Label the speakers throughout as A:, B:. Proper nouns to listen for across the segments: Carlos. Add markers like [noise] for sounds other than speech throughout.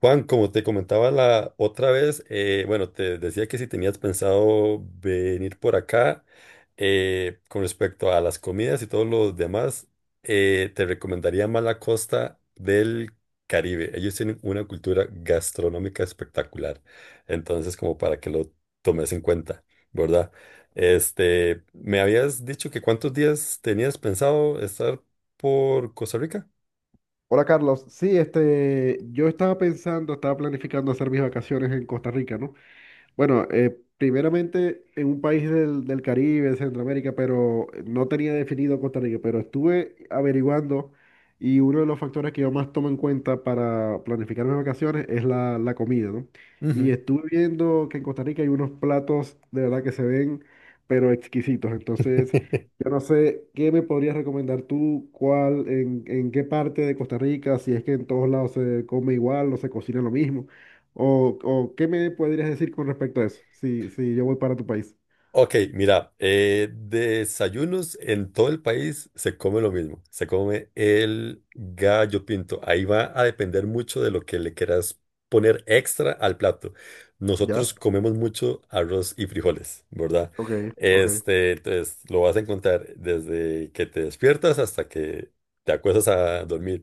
A: Juan, como te comentaba la otra vez, bueno, te decía que si tenías pensado venir por acá, con respecto a las comidas y todos los demás, te recomendaría más la costa del Caribe. Ellos tienen una cultura gastronómica espectacular. Entonces, como para que lo tomes en cuenta, ¿verdad? Me habías dicho que cuántos días tenías pensado estar por Costa Rica.
B: Hola Carlos, sí, yo estaba pensando, estaba planificando hacer mis vacaciones en Costa Rica, ¿no? Bueno, primeramente en un país del Caribe, de Centroamérica, pero no tenía definido Costa Rica, pero estuve averiguando y uno de los factores que yo más tomo en cuenta para planificar mis vacaciones es la comida, ¿no? Y estuve viendo que en Costa Rica hay unos platos de verdad que se ven, pero exquisitos. Entonces, yo no sé qué me podrías recomendar tú, cuál, en qué parte de Costa Rica, si es que en todos lados se come igual o se cocina lo mismo. O qué me podrías decir con respecto a eso? Si, si yo voy para tu país.
A: Ok, mira, desayunos en todo el país se come lo mismo, se come el gallo pinto. Ahí va a depender mucho de lo que le quieras poner extra al plato.
B: Ya,
A: Nosotros comemos mucho arroz y frijoles, ¿verdad?
B: ok, ok,
A: Entonces lo vas a encontrar desde que te despiertas hasta que te acuestas a dormir.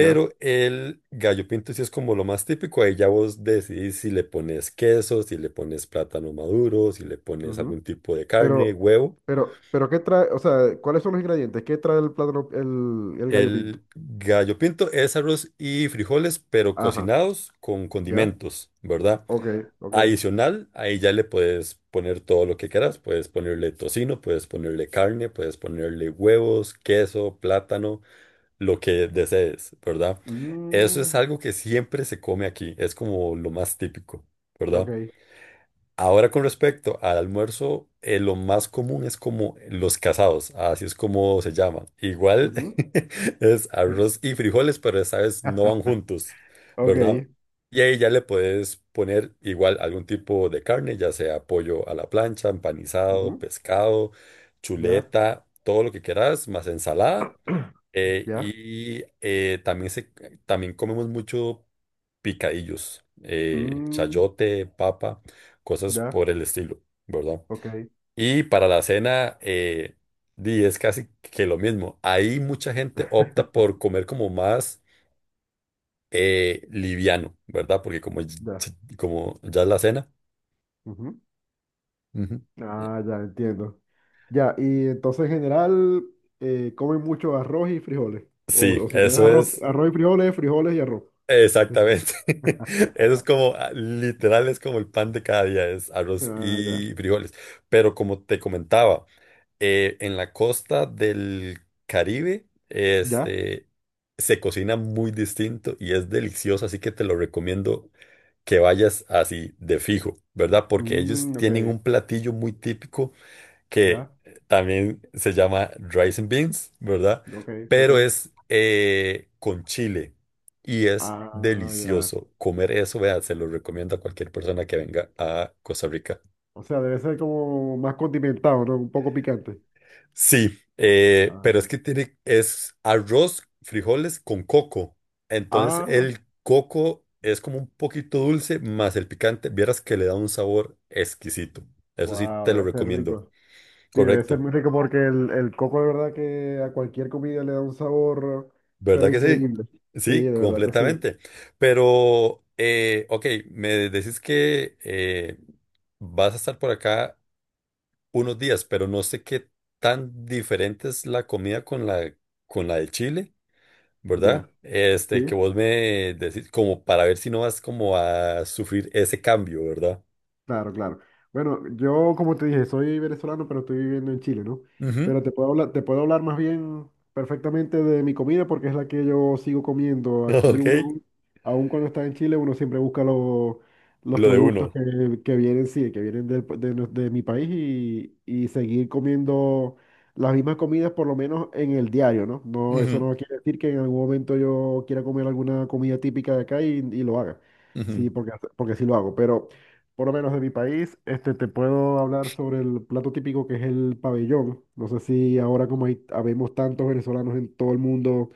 B: ya.
A: el gallo pinto sí es como lo más típico. Ahí ya vos decidís si le pones queso, si le pones plátano maduro, si le pones
B: Ujú.
A: algún tipo de carne,
B: Pero,
A: huevo.
B: pero, ¿qué trae? O sea, ¿cuáles son los ingredientes? ¿Qué trae el plátano, el gallo pinto?
A: El gallo pinto es arroz y frijoles, pero
B: Ajá.
A: cocinados con
B: ¿Ya?
A: condimentos, ¿verdad?
B: Ok, ok.
A: Adicional, ahí ya le puedes poner todo lo que quieras. Puedes ponerle tocino, puedes ponerle carne, puedes ponerle huevos, queso, plátano. Lo que desees, ¿verdad? Eso es
B: Mm,
A: algo que siempre se come aquí, es como lo más típico,
B: ok.
A: ¿verdad? Ahora con respecto al almuerzo, lo más común es como los casados, así es como se llama. Igual
B: Ujú.
A: [laughs] es arroz y frijoles, pero esta vez no van
B: [laughs]
A: juntos, ¿verdad?
B: Ok.
A: Y ahí ya le puedes poner igual algún tipo de carne, ya sea pollo a la plancha, empanizado,
B: Ujú.
A: pescado,
B: Ya.
A: chuleta, todo lo que quieras, más ensalada.
B: [clears throat] Ya.
A: También, también comemos mucho picadillos,
B: mm,
A: chayote, papa, cosas
B: ya,
A: por el estilo, ¿verdad?
B: ok.
A: Y para la cena, di, es casi que lo mismo. Ahí mucha gente opta
B: [laughs]
A: por comer como más liviano, ¿verdad? Porque como,
B: Ya.
A: como ya es la cena.
B: Ujú.
A: Ujú. Eh,
B: Ah, ya entiendo. Ya, y entonces en general comen mucho arroz y frijoles.
A: Sí,
B: O si tenés
A: eso
B: arroz,
A: es
B: arroz y frijoles, frijoles y arroz. Ujú.
A: exactamente. [laughs] Eso es como, ah, literal, es como el pan de cada día, es arroz
B: Ah, ya.
A: y frijoles. Pero como te comentaba, en la costa del Caribe,
B: ¿Ya?
A: se cocina muy distinto y es delicioso, así que te lo recomiendo que vayas así de fijo, ¿verdad? Porque ellos
B: Mm, ok.
A: tienen un platillo muy típico que
B: Ya.
A: también se llama rice and beans, ¿verdad?
B: Ok, ok.
A: Pero es con chile y es
B: Ah, ya.
A: delicioso comer eso, vea, se lo recomiendo a cualquier persona que venga a Costa Rica.
B: O sea, debe ser como más condimentado, ¿no? Un poco picante.
A: Sí, pero
B: Ah,
A: es que tiene, es arroz, frijoles con coco. Entonces
B: ah,
A: el coco es como un poquito dulce, más el picante, vieras que le da un sabor exquisito. Eso sí,
B: wow,
A: te lo
B: debe ser
A: recomiendo.
B: rico. Sí, debe ser
A: Correcto.
B: muy rico porque el coco de verdad que a cualquier comida le da un sabor,
A: ¿Verdad
B: pero
A: que sí?
B: increíble. Sí,
A: Sí,
B: de verdad que sí.
A: completamente. Pero, ok, me decís que vas a estar por acá unos días, pero no sé qué tan diferente es la comida con con la de Chile,
B: Ya.
A: ¿verdad? Que
B: Sí.
A: vos me decís como para ver si no vas como a sufrir ese cambio, ¿verdad?
B: Claro, claro. Bueno, yo como te dije, soy venezolano, pero estoy viviendo en Chile, ¿no?
A: Ujú.
B: Pero te puedo hablar más bien perfectamente de mi comida porque es la que yo sigo comiendo.
A: [laughs]
B: Aquí
A: Ok,
B: uno, aun cuando está en Chile, uno siempre busca los
A: lo de
B: productos
A: uno.
B: que vienen, sí, que vienen de mi país y seguir comiendo las mismas comidas por lo menos en el diario, ¿no? No, eso
A: Ujú,
B: no quiere decir que en algún momento yo quiera comer alguna comida típica de acá y lo haga.
A: ujú,
B: Sí, porque, porque sí lo hago, pero por lo menos de mi país, te puedo hablar sobre el plato típico que es el pabellón. No sé si ahora como hay, habemos tantos venezolanos en todo el mundo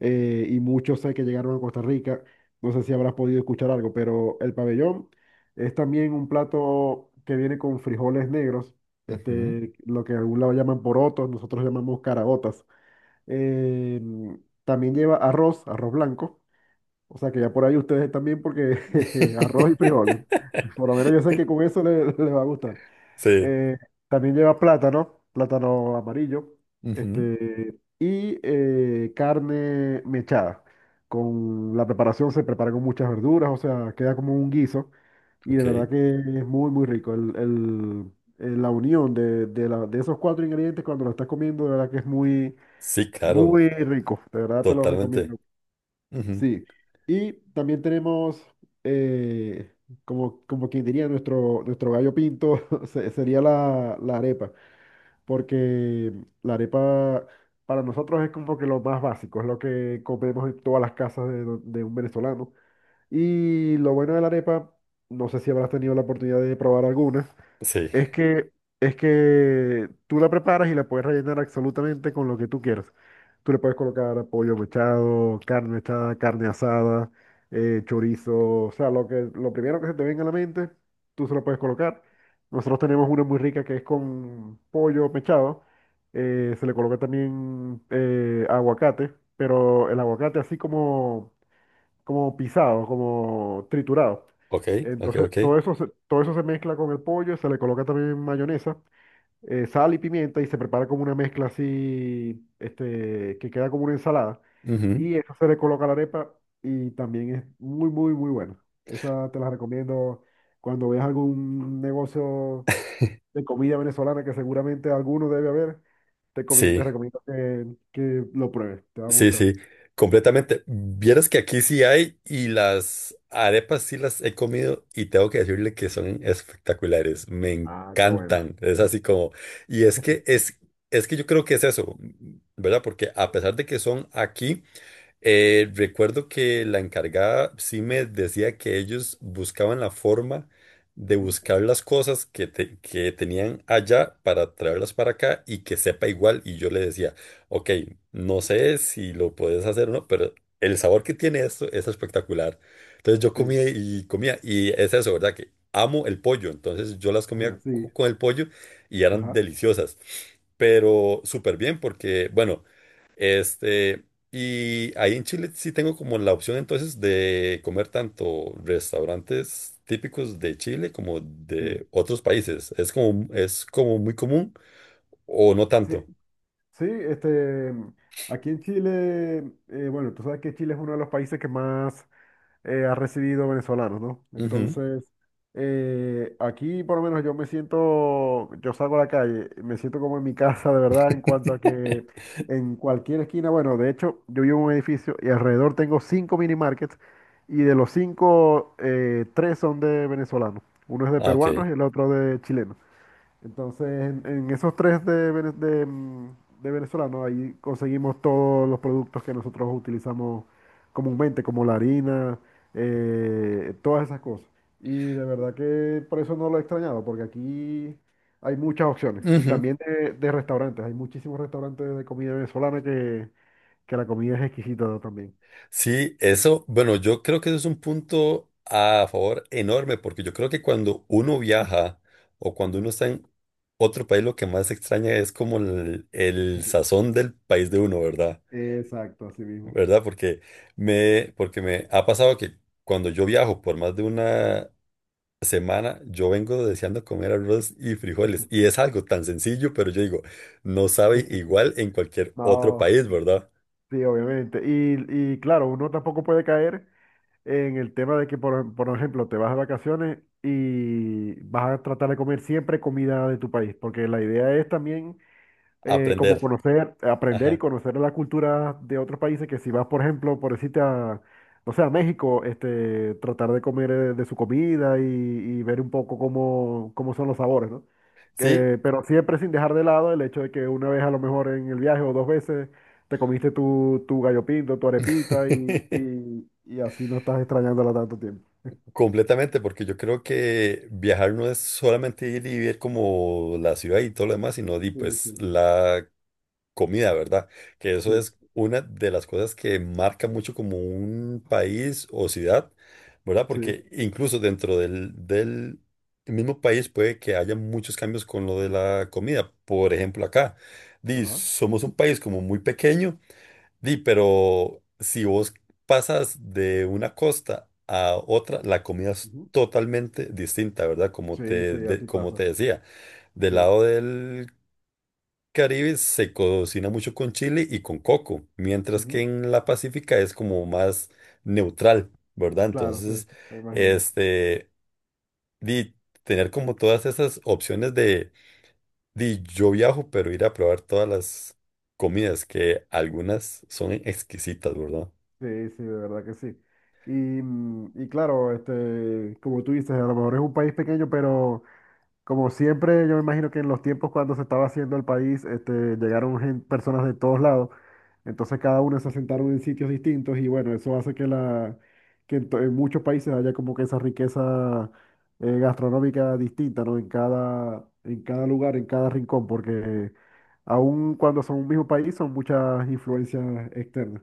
B: y muchos sé que llegaron a Costa Rica, no sé si habrás podido escuchar algo, pero el pabellón es también un plato que viene con frijoles negros,
A: ujú.
B: este, lo que en algún lado llaman porotos, nosotros llamamos caraotas. Eh, también lleva arroz, arroz blanco. O sea que ya por ahí ustedes están bien porque [laughs] arroz y frijoles. Por lo menos yo sé que con
A: [laughs]
B: eso le, [laughs] le va a gustar.
A: Sí.
B: Eh, también lleva plátano, plátano amarillo,
A: Ujú,
B: este, y carne mechada. Con la preparación se prepara con muchas verduras, o sea, queda como un guiso. Y de
A: ok.
B: verdad que es muy, muy rico. La unión de esos 4 ingredientes cuando lo estás comiendo, de verdad que es muy,
A: Sí, claro,
B: muy rico. De verdad te lo
A: totalmente.
B: recomiendo.
A: Ujú,
B: Sí, y también tenemos, eh, como, como quien diría, nuestro gallo pinto [laughs] sería la arepa, porque la arepa para nosotros es como que lo más básico, es lo que comemos en todas las casas de un venezolano. Y lo bueno de la arepa, no sé si habrás tenido la oportunidad de probar alguna,
A: sí,
B: es que, es que tú la preparas y la puedes rellenar absolutamente con lo que tú quieras. Tú le puedes colocar pollo mechado, carne mechada, carne asada, chorizo, o sea, lo primero que se te venga a la mente, tú se lo puedes colocar. Nosotros tenemos una muy rica que es con pollo mechado. Se le coloca también aguacate, pero el aguacate así como como pisado, como triturado.
A: ok, ok,
B: Entonces,
A: ok.
B: todo eso se mezcla con el pollo, se le coloca también mayonesa, sal y pimienta y se prepara como una mezcla así, este, que queda como una ensalada.
A: Ujú,
B: Y eso se le coloca a la arepa y también es muy, muy, muy bueno. Esa te la recomiendo cuando veas algún negocio de comida venezolana que seguramente alguno debe haber, te
A: sí,
B: recomiendo que lo pruebes, te va a
A: sí,
B: gustar.
A: sí, completamente. Vieras que aquí sí hay y las arepas sí las he comido y tengo que decirle que son espectaculares. Me
B: Ah, qué bueno.
A: encantan. Es así como, y es que yo creo que es eso, ¿verdad? Porque a pesar de que son aquí, recuerdo que la encargada sí me decía que ellos buscaban la forma de
B: Ujú.
A: buscar las cosas que, que tenían allá para traerlas para acá y que sepa igual. Y yo le decía. Ok, no sé si lo puedes hacer o no, pero el sabor que tiene esto es espectacular. Entonces yo
B: Sí,
A: comía y comía, y es eso, ¿verdad? Que amo el pollo, entonces yo las comía
B: [laughs] sí.
A: con el pollo y eran
B: Ajá,
A: deliciosas, pero súper bien porque, bueno, este, y ahí en Chile sí tengo como la opción entonces de comer tanto restaurantes típicos de Chile como
B: sí.
A: de otros países. Es como muy común o no
B: Sí,
A: tanto.
B: sí, aquí en Chile, bueno, tú sabes que Chile es uno de los países que más ha recibido venezolanos, ¿no?
A: Ujú.
B: Entonces, aquí por lo menos yo me siento, yo salgo a la calle, me siento como en mi [laughs] casa, de verdad, en cuanto a que
A: [laughs]
B: en cualquier esquina, bueno, de hecho, yo vivo en un edificio y alrededor tengo 5 mini markets y de los 5, 3 son de venezolanos. Uno es de
A: Ah, ok.
B: peruanos y el otro de chilenos. Entonces, en esos tres de venezolano, ahí conseguimos todos los productos que nosotros utilizamos comúnmente, como la harina, todas esas cosas. Y de verdad que por eso no lo he extrañado, porque aquí hay muchas opciones. Y
A: Ujú.
B: también de restaurantes, hay muchísimos restaurantes de comida venezolana que la comida es exquisita también.
A: Sí, eso, bueno, yo creo que eso es un punto a favor enorme, porque yo creo que cuando uno viaja o cuando uno
B: Ajá.
A: está en otro país, lo que más extraña es como el
B: [laughs]
A: sazón del país de uno, ¿verdad?
B: Exacto, así mismo.
A: ¿Verdad? Porque me ha pasado que cuando yo viajo por más de una semana, yo vengo deseando comer arroz y frijoles, y es algo tan sencillo, pero yo digo, no sabe
B: [laughs]
A: igual en cualquier otro
B: No,
A: país, ¿verdad?
B: sí, obviamente. Y claro, uno tampoco puede caer en el tema de que, por ejemplo, te vas de vacaciones y vas a tratar de comer siempre comida de tu país, porque la idea es también como
A: Aprender.
B: conocer, aprender y
A: Ajá.
B: conocer la cultura de otros países, que si vas, por ejemplo, por decirte a, no sé, a México, tratar de comer de su comida y ver un poco cómo, cómo son los sabores, ¿no?
A: Sí,
B: Pero siempre sin dejar de lado el hecho de que una vez a lo mejor en el viaje o dos veces te comiste tu gallo pinto, tu arepita
A: [laughs]
B: y así no estás extrañándola tanto tiempo.
A: completamente, porque yo creo que viajar no es solamente ir y ver como la ciudad y todo lo demás, sino di,
B: Sí,
A: pues
B: sí,
A: la comida, ¿verdad? Que eso
B: sí,
A: es una de las cosas que marca mucho como un país o ciudad, ¿verdad?
B: sí,
A: Porque incluso dentro del mismo país puede que haya muchos cambios con lo de la comida. Por ejemplo, acá, di,
B: ajá.
A: somos un país como muy pequeño. Di, pero si vos pasas de una costa a otra, la comida es
B: Ujú.
A: totalmente distinta, ¿verdad? Como
B: Sí,
A: te,
B: sí, así
A: como
B: pasa.
A: te decía, del
B: Sí,
A: lado del Caribe se cocina mucho con chile y con coco, mientras que
B: ujú.
A: en la Pacífica es como más neutral, ¿verdad?
B: Claro, sí,
A: Entonces,
B: me imagino.
A: este, di, tener como todas esas opciones de, di, yo viajo, pero ir a probar todas las comidas, que algunas son exquisitas, ¿verdad?
B: Sí, sí, de verdad que sí. Y, mm, y claro, como tú dices, a lo mejor es un país pequeño, pero como siempre, yo me imagino que en los tiempos cuando se estaba haciendo el país, este, llegaron personas de todos lados, entonces cada uno se asentaron en sitios distintos y bueno, eso hace que en, en muchos países haya como que esa riqueza gastronómica distinta, ¿no? En cada lugar, en cada rincón, porque aun cuando son un mismo país, son muchas influencias externas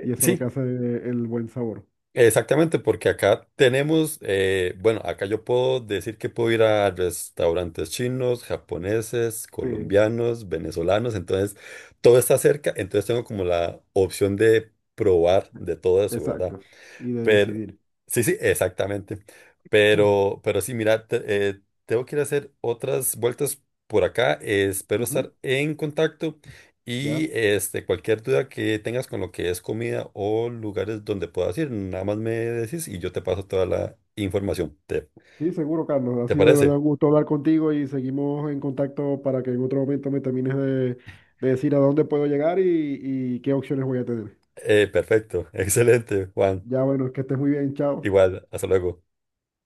B: y eso es lo que
A: Sí,
B: hace el buen sabor.
A: exactamente, porque acá tenemos, bueno, acá yo puedo decir que puedo ir a restaurantes chinos, japoneses,
B: Sí,
A: colombianos, venezolanos, entonces todo está cerca, entonces tengo como la opción de probar de todo eso, ¿verdad?
B: exacto. Y de
A: Pero,
B: decidir.
A: sí, sí, exactamente.
B: Mm.
A: Pero sí, mira, tengo que ir a hacer otras vueltas por acá. Espero
B: Ujú.
A: estar en contacto
B: ¿Ya?
A: y este, cualquier duda que tengas con lo que es comida o lugares donde puedas ir, nada más me decís y yo te paso toda la información.
B: Sí, seguro, Carlos. Ha
A: Te
B: sido de
A: parece?
B: verdad un gusto hablar contigo y seguimos en contacto para que en otro momento me termines de decir a dónde puedo llegar y qué opciones voy a tener.
A: Perfecto, [laughs] excelente, Juan.
B: Ya bueno, que estés muy bien, chao.
A: Igual, hasta luego.